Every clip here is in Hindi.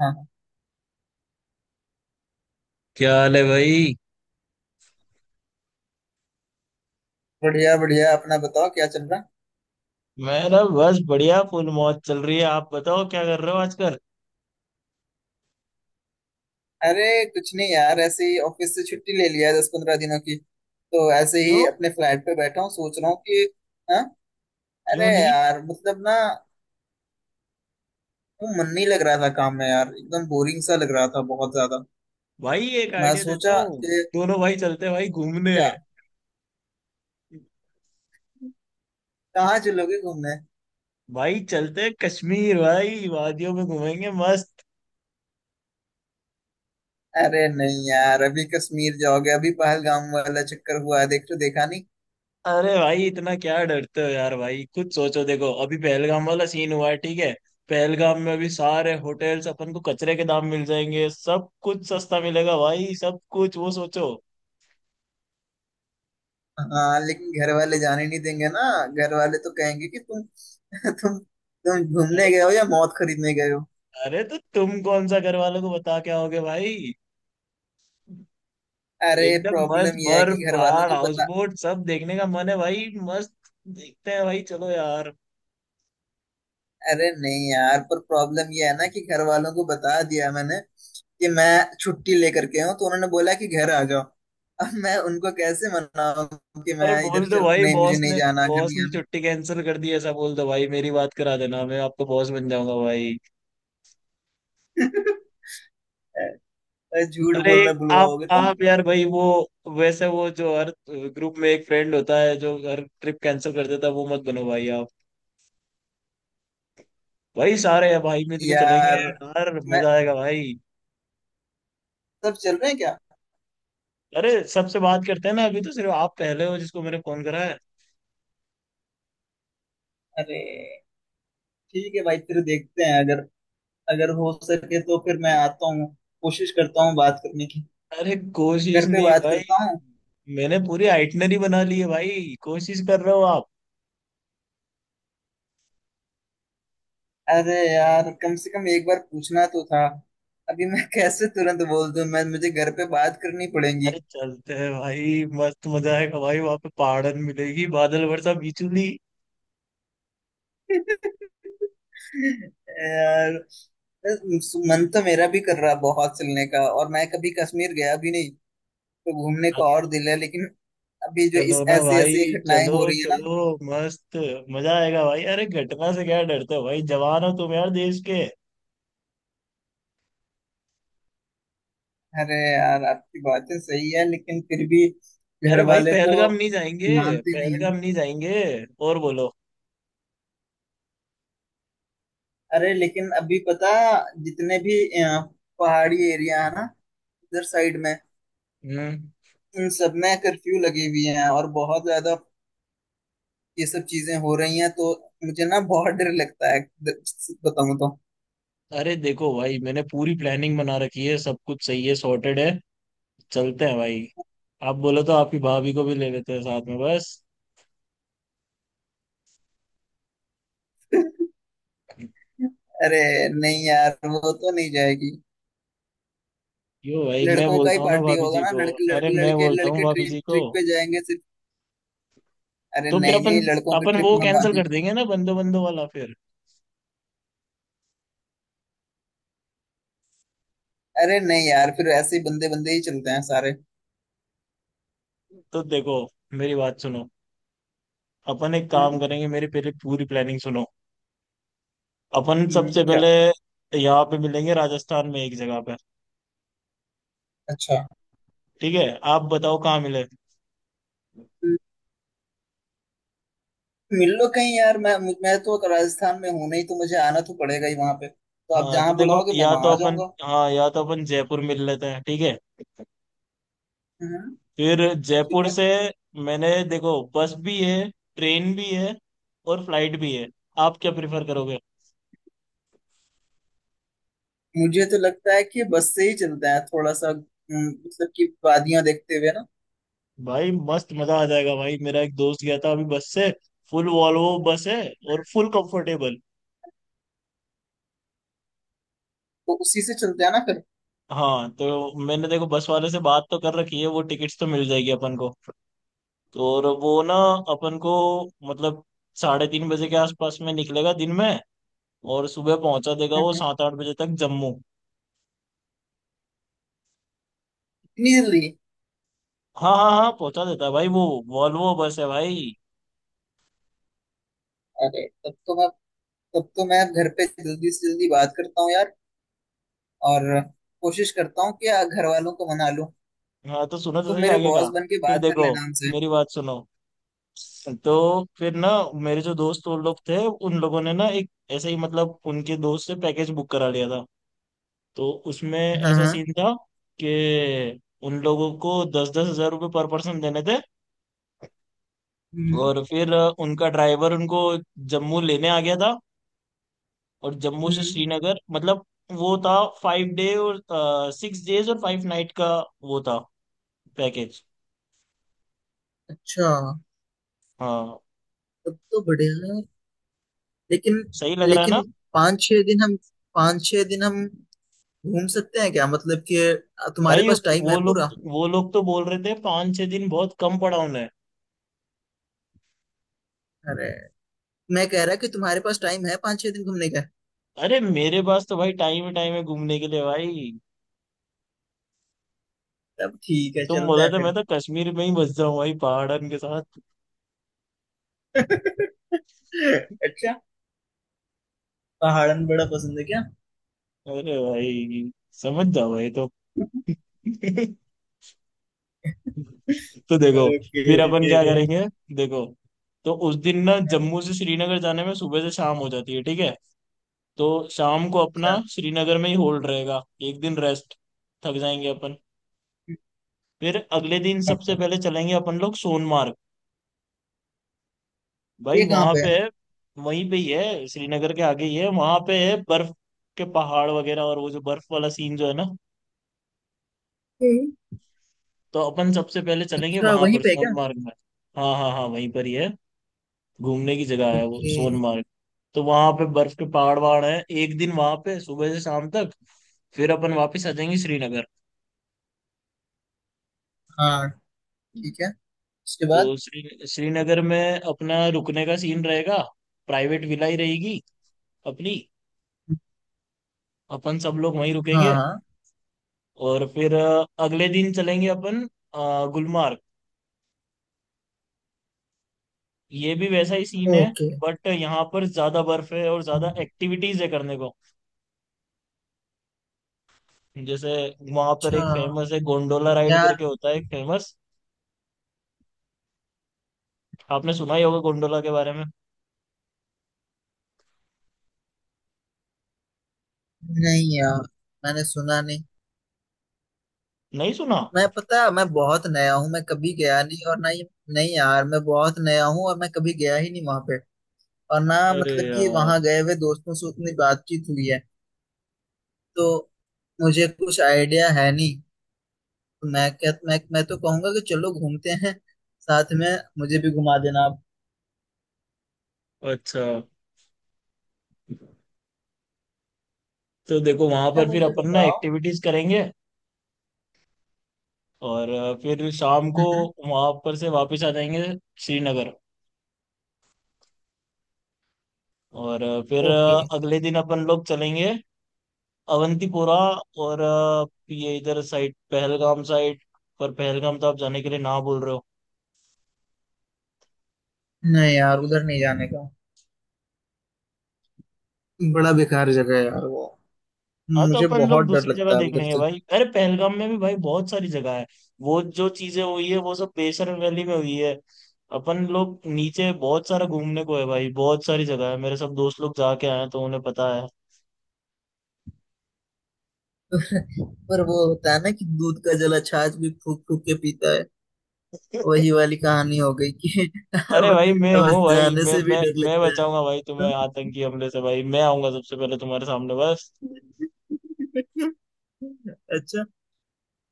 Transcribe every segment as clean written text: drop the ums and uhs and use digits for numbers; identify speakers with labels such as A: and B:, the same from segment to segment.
A: हाँ।
B: क्या हाल है भाई।
A: बढ़िया बढ़िया, अपना बताओ, क्या चल रहा?
B: मैं ना बस बढ़िया फुल मौज चल रही है। आप बताओ क्या कर रहे हो आजकल।
A: अरे कुछ नहीं यार, ऐसे ही ऑफिस से छुट्टी ले लिया है दस पंद्रह दिनों की, तो ऐसे
B: क्यों।
A: ही अपने फ्लैट पे बैठा हूँ, सोच रहा हूँ कि। हाँ।
B: क्यों
A: अरे
B: ली।
A: यार मतलब ना, वो मन नहीं लग रहा था काम में यार, एकदम बोरिंग सा लग रहा था बहुत ज्यादा।
B: भाई एक
A: मैं
B: आइडिया देता
A: सोचा
B: हूँ।
A: कि।
B: दोनों भाई चलते हैं भाई घूमने।
A: क्या? कहाँ चलोगे घूमने?
B: भाई चलते हैं कश्मीर भाई, वादियों में घूमेंगे मस्त।
A: अरे नहीं यार, अभी कश्मीर जाओगे? अभी पहलगाम वाला चक्कर हुआ है, देख तो देखा नहीं।
B: अरे भाई इतना क्या डरते हो यार। भाई खुद सोचो देखो, अभी पहलगाम वाला सीन हुआ है ठीक है। पहलगाम में अभी सारे होटल्स अपन को कचरे के दाम मिल जाएंगे, सब कुछ सस्ता मिलेगा भाई, सब कुछ वो सोचो।
A: हाँ, लेकिन घर वाले जाने नहीं देंगे ना। घर वाले तो कहेंगे कि तुम तुम घूमने
B: अरे।
A: गए हो या मौत खरीदने गए हो।
B: अरे तो तुम कौन सा घर वालों को बता के आओगे भाई।
A: अरे
B: एकदम मस्त
A: प्रॉब्लम ये है
B: बर्फ
A: कि घर वालों
B: पहाड़
A: को
B: हाउस
A: बता।
B: बोट सब देखने का मन है भाई। मस्त। देखते हैं भाई चलो यार।
A: अरे नहीं यार, पर प्रॉब्लम ये है ना कि घर वालों को बता दिया मैंने कि मैं छुट्टी लेकर के हूँ, तो उन्होंने बोला कि घर आ जाओ। अब मैं उनको कैसे मनाऊं कि मैं
B: अरे
A: इधर
B: बोल दो
A: चल,
B: भाई
A: नहीं मुझे
B: बॉस
A: नहीं
B: ने।
A: जाना, घर
B: बॉस
A: नहीं
B: ने
A: आना।
B: छुट्टी कैंसिल कर दी है, ऐसा बोल दो भाई। मेरी बात करा देना, मैं आपका बॉस बन जाऊंगा भाई।
A: अरे, झूठ
B: अरे
A: बोलना
B: एक आप
A: बुलवाओगे तुम।
B: आप यार भाई वो, वैसे वो जो हर ग्रुप में एक फ्रेंड होता है जो हर ट्रिप कैंसिल कर देता है वो मत बनो भाई आप। भाई सारे हैं भाई मिलके चलेंगे
A: यार
B: यार
A: मैं,
B: मजा आएगा भाई।
A: सब चल रहे हैं क्या?
B: अरे सबसे बात करते हैं ना, अभी तो सिर्फ आप पहले हो जिसको मैंने फोन करा है।
A: अरे ठीक है भाई, फिर देखते हैं, अगर अगर हो सके तो फिर मैं आता हूँ। कोशिश करता हूँ बात करने की।
B: अरे कोशिश
A: घर पे
B: नहीं
A: बात
B: भाई।
A: करता हूँ।
B: मैंने पूरी आइटनरी बना ली है भाई, कोशिश कर रहे हो आप।
A: अरे यार, कम से कम एक बार पूछना तो था। अभी मैं कैसे तुरंत बोल दूँ, मैं मुझे घर पे बात करनी पड़ेगी।
B: अरे चलते हैं भाई मस्त मजा आएगा भाई, वहां पे पहाड़न मिलेगी, बादल वर्षा बिजली।
A: यार, बस मन तो मेरा भी कर रहा है बहुत चलने का, और मैं कभी कश्मीर गया भी नहीं। तो घूमने
B: हाँ,
A: का और दिल है, लेकिन। अभी जो
B: चलो
A: इस
B: ना
A: ऐसी
B: भाई
A: ऐसी घटनाएं
B: चलो
A: हो रही है ना।
B: चलो। मस्त। मजा आएगा भाई, अरे घटना से क्या डरते हो भाई, जवान हो तुम यार देश के।
A: अरे यार, आपकी बातें सही है, लेकिन फिर भी
B: अरे
A: घर
B: भाई
A: वाले तो
B: पहलगाम नहीं जाएंगे,
A: मानते नहीं है ना।
B: पहलगाम नहीं जाएंगे। और बोलो।
A: अरे लेकिन अभी पता, जितने भी अ, पहाड़ी एरिया है ना, इधर साइड में।
B: हम्म।
A: इन सब में कर्फ्यू लगी हुई है और बहुत ज्यादा ये सब चीजें हो रही हैं, तो मुझे ना बहुत डर लगता है बताऊं तो।
B: अरे देखो भाई मैंने पूरी प्लानिंग बना रखी है, सब कुछ सही है सॉर्टेड है। चलते हैं भाई। आप बोलो तो आपकी भाभी को भी ले लेते हैं साथ में बस।
A: अरे नहीं यार, वो तो नहीं जाएगी।
B: यो भाई मैं
A: लड़कों का ही
B: बोलता हूँ ना
A: पार्टी
B: भाभी
A: होगा
B: जी
A: ना।
B: को। अरे मैं
A: लड़के
B: बोलता हूँ
A: लड़के
B: भाभी
A: ट्रिप
B: जी को।
A: ट्रिप पे जाएंगे सिर्फ। अरे
B: तो फिर
A: नहीं,
B: अपन
A: नहीं, लड़कों की
B: अपन वो
A: ट्रिप में।
B: कैंसिल कर देंगे ना बंदो बंदो वाला फिर।
A: अरे नहीं यार, फिर ऐसे ही बंदे बंदे ही चलते हैं सारे।
B: तो देखो, मेरी बात सुनो। अपन एक काम
A: हम्म।
B: करेंगे, मेरी पहले पूरी प्लानिंग सुनो। अपन सबसे
A: क्या?
B: पहले यहाँ पे मिलेंगे राजस्थान में एक जगह पे।
A: अच्छा।
B: ठीक है। आप बताओ कहाँ मिले।
A: हम्म। मिल लो कहीं यार, मैं तो राजस्थान में हूं नहीं, तो मुझे आना तो पड़ेगा ही वहां पे, तो आप
B: हाँ तो
A: जहां
B: देखो,
A: बुलाओगे मैं
B: या
A: वहां
B: तो
A: आ
B: अपन,
A: जाऊंगा।
B: हाँ, या तो अपन जयपुर मिल लेते हैं ठीक है।
A: हम्म।
B: फिर
A: ठीक
B: जयपुर
A: है।
B: से। मैंने देखो बस भी है, ट्रेन भी है, और फ्लाइट भी है। आप क्या प्रिफर करोगे।
A: मुझे तो लगता है कि बस से ही चलते हैं थोड़ा सा, मतलब कि वादियां देखते हुए ना।
B: भाई मस्त मजा आ जाएगा भाई, मेरा एक दोस्त गया था अभी बस से। फुल वॉल्वो बस है और फुल कंफर्टेबल।
A: तो उसी से चलते हैं ना फिर।
B: हाँ तो मैंने देखो बस वाले से बात तो कर रखी है, वो टिकट्स तो मिल जाएगी अपन को। तो और वो ना, अपन को मतलब, 3:30 बजे के आसपास में निकलेगा दिन में। और सुबह पहुंचा देगा वो
A: हम्म,
B: 7-8 बजे तक जम्मू।
A: इतनी जल्दी?
B: हाँ हाँ हाँ, पहुंचा देता है भाई वो। वॉल्वो बस है भाई।
A: अरे तब तो मैं घर पे जल्दी से जल्दी बात करता हूँ यार। और कोशिश करता हूँ कि घर वालों को मना लूं।
B: हाँ तो सुनो तो
A: तुम
B: सही
A: मेरे
B: आगे का।
A: बॉस बन के
B: फिर
A: बात कर
B: देखो
A: लेना उनसे।
B: मेरी बात सुनो। तो फिर ना, मेरे जो दोस्त वो लोग थे उन लोगों ने ना एक ऐसे ही मतलब उनके दोस्त से पैकेज बुक करा लिया था। तो उसमें
A: हाँ,
B: ऐसा
A: हाँ।
B: सीन था कि उन लोगों को दस दस हजार रुपये पर पर्सन देने थे।
A: हम्म।
B: और फिर उनका ड्राइवर उनको जम्मू लेने आ गया था। और जम्मू से
A: हम्म।
B: श्रीनगर मतलब वो था 5 डे और 6 डेज और 5 नाइट का, वो था पैकेज।
A: अच्छा,
B: हाँ।
A: तब तो बढ़िया है। लेकिन
B: सही लग रहा
A: लेकिन
B: है।
A: पाँच छह दिन हम पाँच छह दिन हम घूम सकते हैं क्या, मतलब कि तुम्हारे
B: भाई
A: पास टाइम
B: वो
A: है
B: लोग
A: पूरा?
B: वो लोग तो बोल रहे थे 5-6 दिन बहुत कम पड़ा उन्हें।
A: अरे मैं कह रहा कि तुम्हारे पास टाइम है पाँच छह दिन घूमने का?
B: अरे मेरे पास तो भाई टाइम है, टाइम है घूमने के लिए भाई।
A: तब ठीक है,
B: तुम
A: चलते
B: बोला
A: हैं
B: था मैं
A: फिर।
B: तो कश्मीर में ही बस जाऊं भाई पहाड़न के साथ।
A: अच्छा, पहाड़न बड़ा पसंद है क्या?
B: अरे भाई समझ जाओ भाई तो। तो देखो,
A: ओके।
B: फिर अपन क्या करेंगे देखो। तो उस दिन ना जम्मू से श्रीनगर जाने में सुबह से शाम हो जाती है ठीक है। तो शाम को अपना
A: अच्छा।
B: श्रीनगर में ही होल्ड रहेगा। एक दिन रेस्ट, थक जाएंगे अपन। फिर अगले दिन सबसे
A: ओके।
B: पहले चलेंगे अपन लोग सोनमार्ग। भाई
A: ये कहाँ
B: वहां
A: पे
B: पे
A: है?
B: है, वहीं पे ही है श्रीनगर के आगे ही है, वहां पे है बर्फ के पहाड़ वगैरह, और वो जो बर्फ वाला सीन जो है ना।
A: हम्म।
B: तो अपन सबसे पहले चलेंगे
A: अच्छा,
B: वहां
A: वहीं
B: पर
A: पे है क्या?
B: सोनमार्ग में। हाँ हाँ हाँ, वहीं पर ही है, घूमने की जगह है वो
A: ओके।
B: सोनमार्ग। तो वहां पे बर्फ के पहाड़ वहाड़ है। एक दिन वहां पे सुबह से शाम तक। फिर अपन वापस आ जाएंगे श्रीनगर।
A: हाँ, ठीक है, उसके बाद।
B: तो श्रीनगर में अपना रुकने का सीन रहेगा। प्राइवेट विला ही रहेगी अपनी। अपन सब लोग वहीं
A: हाँ,
B: रुकेंगे।
A: हाँ।
B: और फिर अगले दिन चलेंगे अपन गुलमार्ग। ये भी वैसा ही सीन है।
A: ओके।
B: बट यहाँ पर ज्यादा बर्फ है और ज्यादा एक्टिविटीज है करने को। जैसे वहां पर
A: अच्छा
B: एक फेमस है गोंडोला राइड
A: यार।
B: करके होता है एक फेमस। आपने सुना ही होगा गोंडोला के बारे में।
A: नहीं यार, मैंने सुना नहीं।
B: नहीं सुना।
A: मैं पता है, मैं बहुत नया हूँ, मैं कभी गया नहीं और ना ही। नहीं यार, मैं बहुत नया हूँ, और मैं कभी गया ही नहीं वहां पे। और ना
B: अरे
A: मतलब कि
B: यार।
A: वहां गए हुए दोस्तों से उतनी बातचीत हुई है। तो मुझे कुछ आइडिया है नहीं। तो मैं क्या, मैं तो कहूंगा कि चलो घूमते हैं। साथ में मुझे भी घुमा देना आप।
B: अच्छा तो देखो वहां
A: अच्छा,
B: पर फिर
A: मुझे
B: अपन ना
A: बताओ।
B: एक्टिविटीज करेंगे। और फिर शाम को
A: हम्म।
B: वहां पर से वापस आ जाएंगे श्रीनगर। और फिर
A: ओके।
B: अगले दिन अपन लोग चलेंगे अवंतीपोरा। और ये इधर साइड पहलगाम साइड। पर पहलगाम तो आप जाने के लिए ना बोल रहे हो।
A: नहीं यार, उधर नहीं जाने का। बड़ा बेकार जगह है यार वो।
B: हाँ तो
A: मुझे
B: अपन लोग
A: बहुत डर
B: दूसरी जगह
A: लगता है
B: देख
A: उधर
B: लेंगे
A: से।
B: भाई, अरे पहलगाम में भी भाई बहुत सारी जगह है। वो जो चीजें हुई है वो सब बेसर वैली में हुई है। अपन लोग नीचे बहुत सारा घूमने को है भाई, बहुत सारी जगह है, मेरे सब दोस्त लोग जाके आए हैं तो उन्हें पता है।
A: पर वो होता है ना कि दूध का जला छाछ भी फूक फूक के पीता है। वही वाली कहानी हो गई कि।
B: अरे
A: अब।
B: भाई मैं
A: अब
B: हूँ भाई,
A: जाने
B: मैं
A: से भी
B: मैं
A: डर
B: मैं
A: लगता है।
B: बचाऊंगा भाई तुम्हें आतंकी हमले से भाई, मैं आऊंगा सबसे पहले तुम्हारे सामने बस।
A: अच्छा।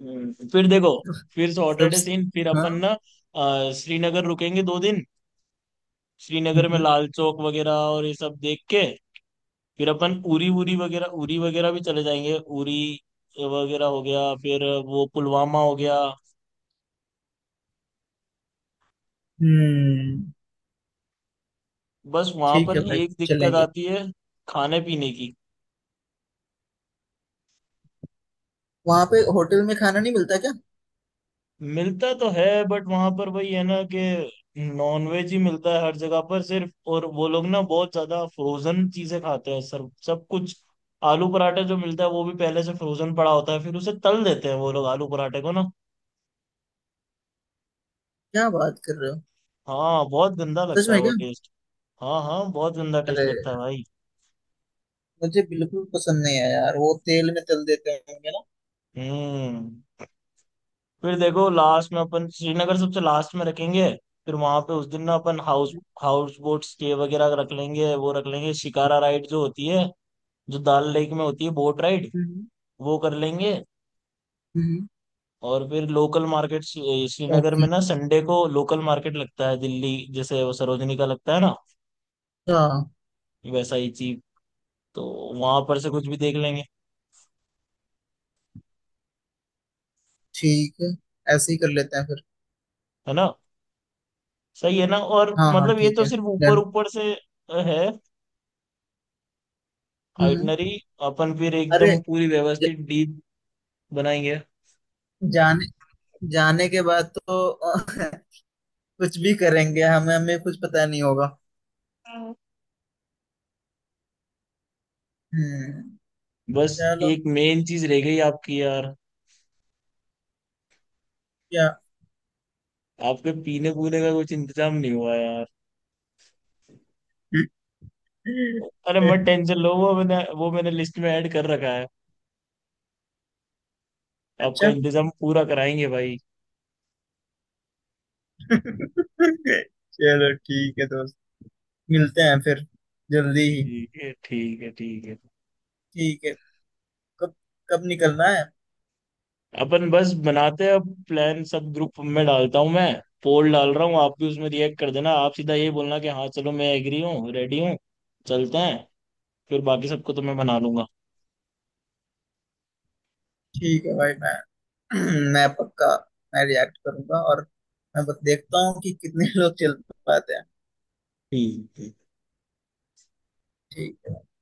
B: फिर देखो। फिर
A: सब।
B: सॉर्टेड है सीन, फिर
A: हाँ।
B: अपन ना श्रीनगर रुकेंगे 2 दिन। श्रीनगर में
A: हम्म।
B: लाल चौक वगैरह और ये सब देख के फिर अपन उरी उरी वगैरह भी चले जाएंगे। उरी वगैरह हो गया फिर वो पुलवामा हो गया।
A: हम्म,
B: बस वहां
A: ठीक
B: पर
A: है भाई,
B: एक दिक्कत
A: चलेंगे।
B: आती है खाने पीने की।
A: वहां पे होटल में खाना नहीं मिलता क्या?
B: मिलता तो है बट वहां पर वही है ना कि नॉनवेज ही मिलता है हर जगह पर सिर्फ, और वो लोग ना बहुत ज्यादा फ्रोजन चीजें खाते हैं सर सब कुछ। आलू पराठा जो मिलता है वो भी पहले से फ्रोजन पड़ा होता है, फिर उसे तल देते हैं वो लोग आलू पराठे को ना।
A: क्या बात कर रहे हो?
B: हाँ बहुत गंदा
A: सच
B: लगता है
A: में
B: वो
A: क्या?
B: टेस्ट। हाँ हाँ बहुत गंदा टेस्ट
A: अरे,
B: लगता है भाई।
A: मुझे बिल्कुल पसंद नहीं है यार, वो तेल में तल देते होंगे ना।
B: हम्म। फिर देखो लास्ट में अपन श्रीनगर सबसे लास्ट में रखेंगे। फिर वहां पे उस दिन ना अपन हाउस हाउस बोट स्टे वगैरह रख लेंगे, वो रख लेंगे शिकारा राइड जो होती है, जो दाल लेक में होती है बोट राइड,
A: हम्म।
B: वो कर लेंगे।
A: हम्म।
B: और फिर लोकल मार्केट श्रीनगर में
A: ओके।
B: ना संडे को लोकल मार्केट लगता है, दिल्ली जैसे वो सरोजनी का लगता है ना,
A: अच्छा।
B: वैसा ही चीप। तो वहां पर से कुछ भी देख लेंगे।
A: ठीक है, ऐसे ही कर लेते हैं फिर।
B: है ना सही है ना, और
A: हाँ, हाँ,
B: मतलब ये
A: ठीक
B: तो
A: है।
B: सिर्फ ऊपर
A: डन।
B: ऊपर से है
A: हम्म।
B: आइटनरी, अपन फिर
A: अरे
B: एकदम पूरी
A: ज,
B: व्यवस्थित डीप बनाएंगे।
A: जाने जाने के बाद तो कुछ भी करेंगे, हमें हमें कुछ पता नहीं होगा।
B: हाँ।
A: हम्म।
B: बस
A: चलो।
B: एक मेन चीज रह गई आपकी यार,
A: क्या?
B: आपके पीने पूने का कुछ इंतजाम नहीं हुआ यार। अरे मत टेंशन लो, वो मैंने लिस्ट में ऐड कर रखा है। आपका
A: अच्छा।
B: इंतजाम पूरा कराएंगे भाई।
A: चलो, ठीक है दोस्त, मिलते हैं फिर जल्दी ही।
B: ठीक है ठीक है ठीक है।
A: ठीक है। कब कब निकलना है?
B: अपन बस बनाते हैं अब प्लान, सब ग्रुप में डालता हूँ मैं। पोल डाल रहा हूँ, आप भी उसमें रिएक्ट कर देना, आप सीधा ये बोलना कि हाँ चलो मैं एग्री हूँ रेडी हूँ। चलते हैं फिर, बाकी सबको तो मैं बना लूंगा।
A: ठीक है भाई, मैं मैं पक्का, मैं रिएक्ट करूंगा, और मैं बस देखता हूँ कि कितने लोग चल पाते हैं।
B: ठीक है।
A: ठीक है।